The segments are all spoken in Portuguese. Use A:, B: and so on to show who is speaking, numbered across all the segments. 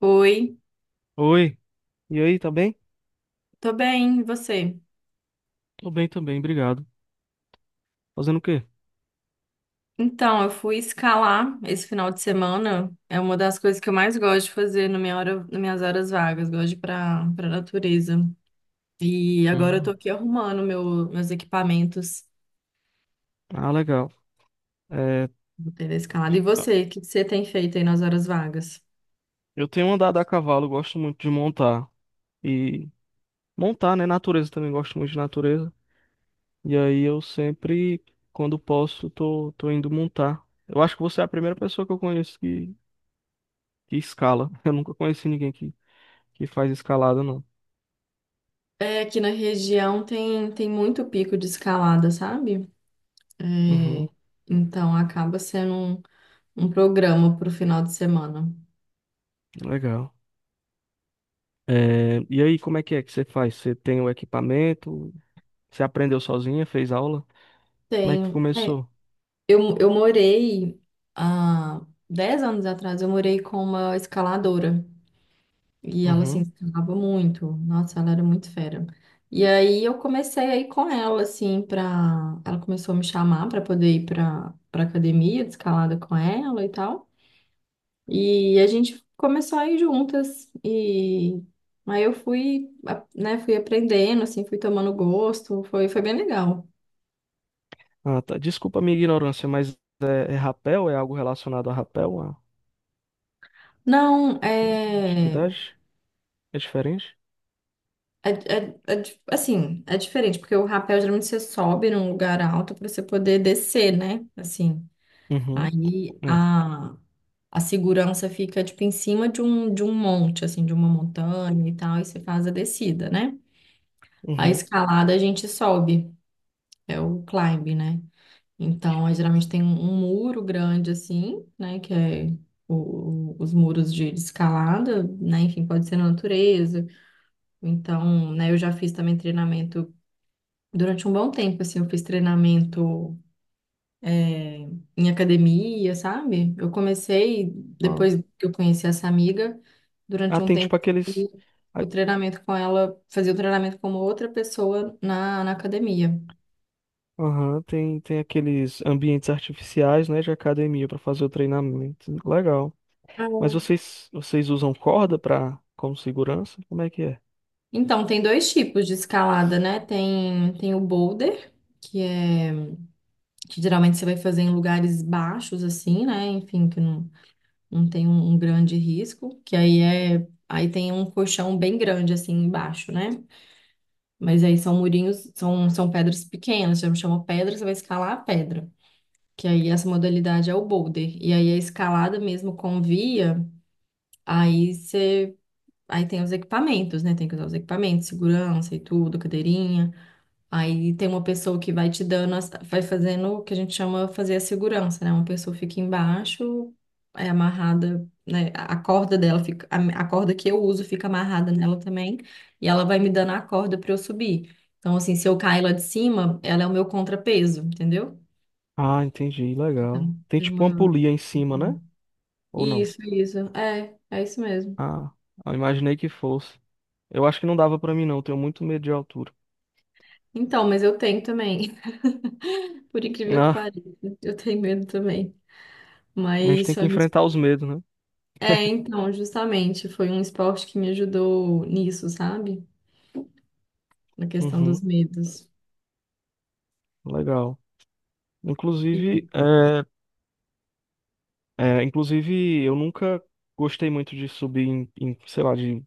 A: Oi,
B: Oi, e aí, tá bem?
A: tô bem, e você?
B: Tô bem também, obrigado. Fazendo o quê?
A: Então, eu fui escalar esse final de semana. É uma das coisas que eu mais gosto de fazer na nas minhas horas vagas. Gosto de ir pra natureza. E agora eu tô
B: Hum.
A: aqui arrumando meus equipamentos.
B: Ah, legal. É,
A: Vou ter a escalada. E
B: t- ah,
A: você, o que que você tem feito aí nas horas vagas?
B: eu tenho andado a cavalo, gosto muito de montar. E montar, né? Natureza também, gosto muito de natureza. E aí eu sempre, quando posso, tô indo montar. Eu acho que você é a primeira pessoa que eu conheço que escala. Eu nunca conheci ninguém que faz escalada, não.
A: É, aqui na região tem muito pico de escalada, sabe?
B: Uhum,
A: É, então acaba sendo um programa pro final de semana.
B: legal. É, e aí, como é que você faz? Você tem o equipamento? Você aprendeu sozinha? Fez aula? Como é que
A: Tem.
B: começou?
A: Eu morei há 10 anos atrás, eu morei com uma escaladora. E ela, assim,
B: Uhum.
A: escalava muito. Nossa, ela era muito fera. E aí eu comecei a ir com ela, assim, pra... Ela começou a me chamar pra poder ir pra academia de escalada com ela e tal. E a gente começou a ir juntas. E aí eu fui, né, fui aprendendo, assim, fui tomando gosto. Foi bem legal.
B: Ah, tá. Desculpa a minha ignorância, mas é, é rapel? É algo relacionado a rapel? A
A: Não, é...
B: atividade? É diferente?
A: É, é assim, é diferente, porque o rapel geralmente você sobe num lugar alto para você poder descer, né? Assim,
B: Uhum.
A: aí
B: É.
A: a, a segurança fica, tipo, em cima de de um monte, assim, de uma montanha e tal, e você faz a descida, né? A
B: Uhum.
A: escalada a gente sobe, é o climb, né? Então, aí, geralmente tem um muro grande, assim, né? Que é os muros de escalada, né? Enfim, pode ser na natureza. Então, né, eu já fiz também treinamento durante um bom tempo, assim, eu fiz treinamento, é, em academia, sabe? Eu comecei,
B: Ah.
A: depois que eu conheci essa amiga,
B: Ah,
A: durante um
B: tem tipo
A: tempo, eu
B: aqueles.
A: fazia o
B: ai,
A: treinamento com ela, fazia o treinamento como outra pessoa na academia.
B: Aham, tem, tem aqueles ambientes artificiais, né, de academia para fazer o treinamento. Legal.
A: Ah.
B: Mas vocês usam corda para como segurança? Como é que é?
A: Então, tem dois tipos de escalada, né? Tem o boulder, que é que geralmente você vai fazer em lugares baixos, assim, né? Enfim, que não, não tem um grande risco, que aí tem um colchão bem grande assim embaixo, né? Mas aí são murinhos, são pedras pequenas, já me chamou pedra, você vai escalar a pedra. Que aí essa modalidade é o boulder. E aí a escalada mesmo com via, aí você aí tem os equipamentos, né? Tem que usar os equipamentos, segurança e tudo, cadeirinha. Aí tem uma pessoa que vai te dando, vai fazendo o que a gente chama fazer a segurança, né? Uma pessoa fica embaixo, é amarrada, né? A corda dela fica, a corda que eu uso fica amarrada nela também, e ela vai me dando a corda para eu subir. Então, assim, se eu cair lá de cima, ela é o meu contrapeso, entendeu?
B: Ah, entendi.
A: Então,
B: Legal. Tem
A: tem
B: tipo uma
A: uma-
B: polia em cima, né? Ou não?
A: Isso, isso. É, é isso mesmo.
B: Ah, eu imaginei que fosse. Eu acho que não dava pra mim não. eu Tenho muito medo de altura.
A: Então, mas eu tenho também. Por incrível que
B: Ah,
A: pareça, eu tenho medo também.
B: mas a gente
A: Mas
B: tem que enfrentar os medos, né?
A: é, então, justamente, foi um esporte que me ajudou nisso, sabe? Na questão dos
B: Uhum,
A: medos.
B: legal. Inclusive,
A: E,
B: é, é, inclusive, eu nunca gostei muito de subir em, em, sei lá, de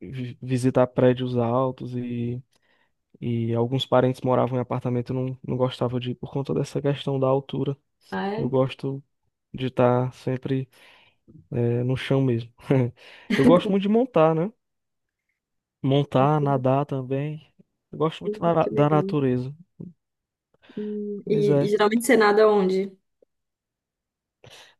B: visitar prédios altos e alguns parentes moravam em apartamento e não, não gostava de ir por conta dessa questão da altura.
A: ah,
B: Eu
A: é?
B: gosto de estar sempre, é, no chão mesmo. Eu gosto muito de montar, né? Montar, nadar também. Eu gosto muito
A: Que
B: da
A: legal.
B: natureza. Pois
A: E, e
B: é.
A: geralmente você nada onde?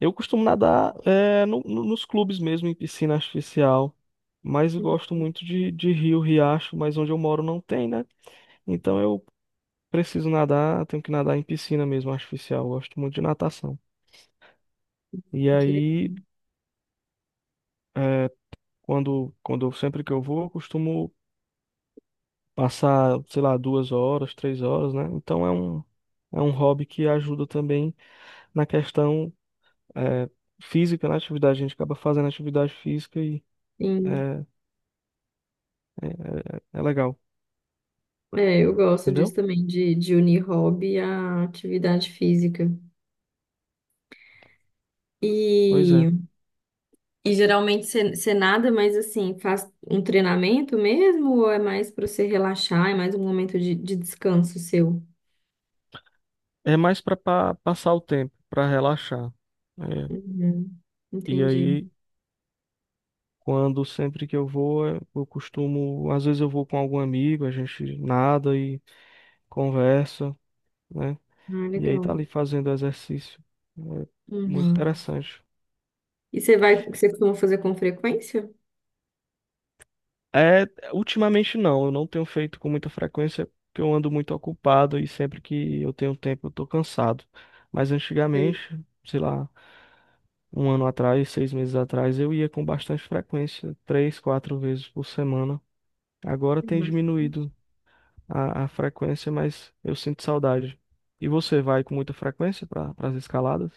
B: Eu costumo nadar é, nos clubes mesmo, em piscina artificial. Mas eu
A: Hum,
B: gosto muito de rio, riacho, mas onde eu moro não tem, né? Então eu preciso nadar, tenho que nadar em piscina mesmo, artificial. Eu gosto muito de natação. E
A: Que
B: aí,
A: legal.
B: é, sempre que eu vou, eu costumo passar, sei lá, duas horas, três horas, né? Então é um hobby que ajuda também na questão, é, física, na atividade. A gente acaba fazendo atividade física e
A: Sim.
B: é, é, é legal.
A: É, eu gosto disso
B: Entendeu?
A: também, de unir hobby à atividade física.
B: Pois é.
A: E, e geralmente você nada, mas assim, faz um treinamento mesmo ou é mais para você relaxar, é mais um momento de descanso seu?
B: É mais pra passar o tempo, pra relaxar. É.
A: Uhum,
B: E
A: entendi.
B: aí, quando sempre que eu vou, é, eu costumo, às vezes eu vou com algum amigo, a gente nada e conversa, né?
A: Ah,
B: E aí tá
A: legal.
B: ali fazendo exercício. É muito
A: Uhum.
B: interessante.
A: E você vai, você costuma fazer com frequência?
B: É, ultimamente não, eu não tenho feito com muita frequência porque eu ando muito ocupado e sempre que eu tenho tempo eu tô cansado. Mas
A: Eu-
B: antigamente, sei lá, um ano atrás, seis meses atrás, eu ia com bastante frequência, três, quatro vezes por semana. Agora tem
A: bastante.
B: diminuído a frequência, mas eu sinto saudade. E você vai com muita frequência para as escaladas?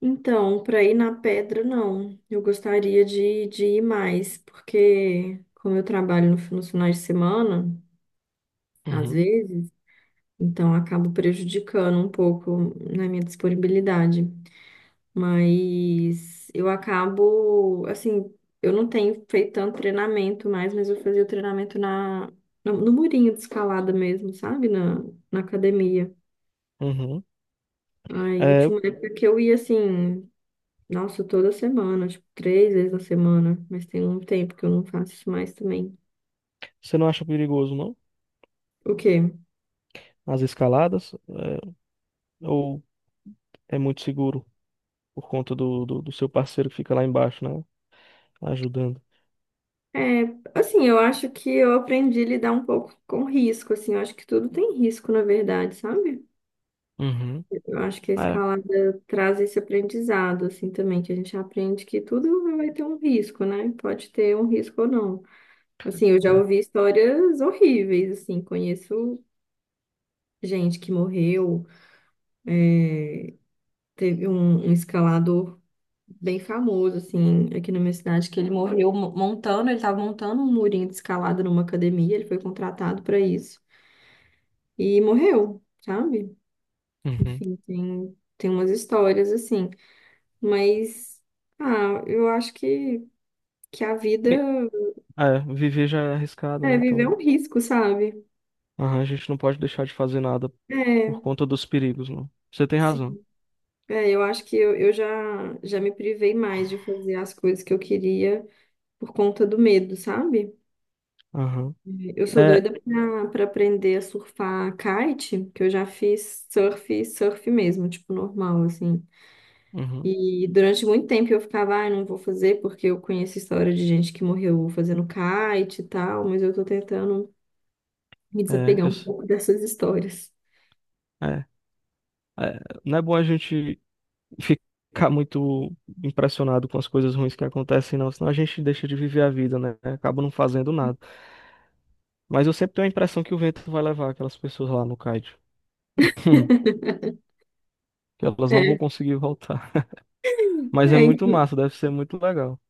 A: Então, para ir na pedra, não. Eu gostaria de ir mais, porque como eu trabalho no nos finais de semana, às
B: Uhum.
A: vezes, então acabo prejudicando um pouco na minha disponibilidade. Mas eu acabo, assim, eu não tenho feito tanto treinamento mais, mas eu fazia o treinamento no murinho de escalada mesmo, sabe? Na academia.
B: Uhum.
A: Aí
B: É,
A: tinha uma época que eu ia assim, nossa, toda semana, tipo, 3 vezes na semana, mas tem um tempo que eu não faço isso mais também.
B: você não acha perigoso, não?
A: O quê?
B: As escaladas? É, ou é muito seguro por conta do seu parceiro que fica lá embaixo, né? Ajudando.
A: É, assim, eu acho que eu aprendi a lidar um pouco com risco, assim, eu acho que tudo tem risco, na verdade, sabe?
B: Uhum.
A: Eu acho que a
B: É,
A: escalada traz esse aprendizado, assim, também, que a gente aprende que tudo vai ter um risco, né? Pode ter um risco ou não. Assim, eu já
B: é.
A: ouvi histórias horríveis, assim, conheço gente que morreu, é, teve um escalador bem famoso, assim, aqui na minha cidade, que ele morreu montando, ele estava montando um murinho de escalada numa academia, ele foi contratado para isso. E morreu, sabe?
B: Uhum.
A: Enfim, tem umas histórias assim. Mas, ah, eu acho que a vida
B: Tem- é, viver já é arriscado,
A: é
B: né?
A: viver
B: Então
A: um risco, sabe?
B: aham, a gente não pode deixar de fazer nada
A: É,
B: por conta dos perigos, não. Você tem
A: sim.
B: razão.
A: É, eu acho que já me privei mais de fazer as coisas que eu queria por conta do medo, sabe?
B: Aham.
A: Eu sou
B: É,
A: doida para aprender a surfar kite, que eu já fiz surf, surf mesmo, tipo normal, assim.
B: uhum,
A: E durante muito tempo eu ficava, ai, não vou fazer, porque eu conheço história de gente que morreu fazendo kite e tal, mas eu tô tentando me
B: é,
A: desapegar um pouco dessas histórias.
B: é, não é bom a gente ficar muito impressionado com as coisas ruins que acontecem, não, senão a gente deixa de viver a vida, né? Acaba não fazendo nada. Mas eu sempre tenho a impressão que o vento vai levar aquelas pessoas lá no Kaiju, que elas não vão
A: É,
B: conseguir voltar. Mas é
A: é,
B: muito massa, deve ser muito legal.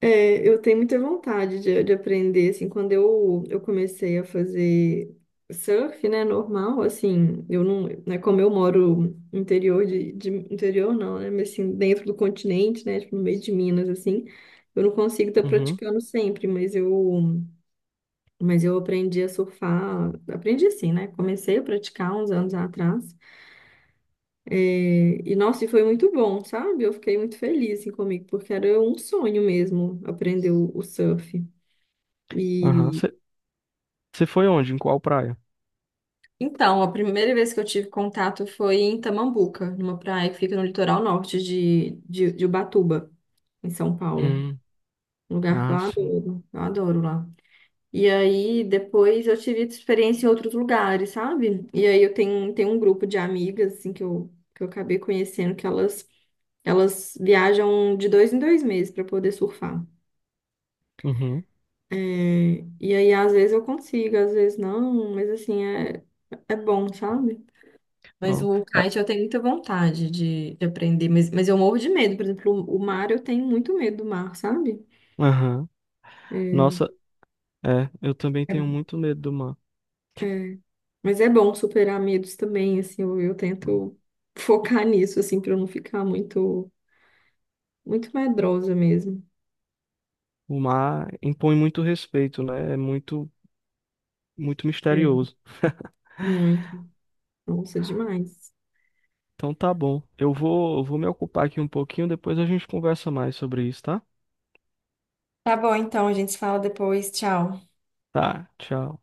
A: É, eu tenho muita vontade de aprender, assim, quando eu comecei a fazer surf, né, normal, assim, eu não, né, como eu moro no interior interior não, né, mas assim, dentro do continente, né, tipo, no meio de Minas, assim, eu não consigo estar
B: Uhum,
A: praticando sempre, mas eu aprendi a surfar, aprendi assim, né, comecei a praticar uns anos atrás, é, e, nossa, e foi muito bom, sabe? Eu fiquei muito feliz, assim, comigo, porque era um sonho mesmo aprender o surf.
B: aham.
A: E
B: Você foi onde? Em qual praia?
A: então, a primeira vez que eu tive contato foi em Tamambuca, numa praia que fica no litoral norte de Ubatuba, em São Paulo.
B: Hum,
A: Um lugar que
B: ah, sim.
A: eu adoro lá. E aí, depois eu tive experiência em outros lugares, sabe? E aí eu tenho um grupo de amigas, assim, que que eu acabei conhecendo, elas viajam de 2 em 2 meses para poder surfar.
B: Uhum.
A: É, e aí, às vezes eu consigo, às vezes não, mas assim, é, é bom, sabe? Mas
B: Bom,
A: o
B: é,
A: kite eu tenho muita vontade de aprender, mas eu morro de medo. Por exemplo, o mar eu tenho muito medo do mar, sabe?
B: aham.
A: É,
B: Nossa, é, eu também tenho muito medo do mar.
A: é, mas é bom superar medos também, assim, eu tento focar nisso, assim, para eu não ficar muito, muito medrosa mesmo.
B: O mar impõe muito respeito, né? É muito, muito
A: É,
B: misterioso.
A: muito. Nossa, demais.
B: Então tá bom. Eu vou me ocupar aqui um pouquinho, depois a gente conversa mais sobre isso, tá?
A: Tá bom, então, a gente se fala depois. Tchau.
B: Tá, tchau.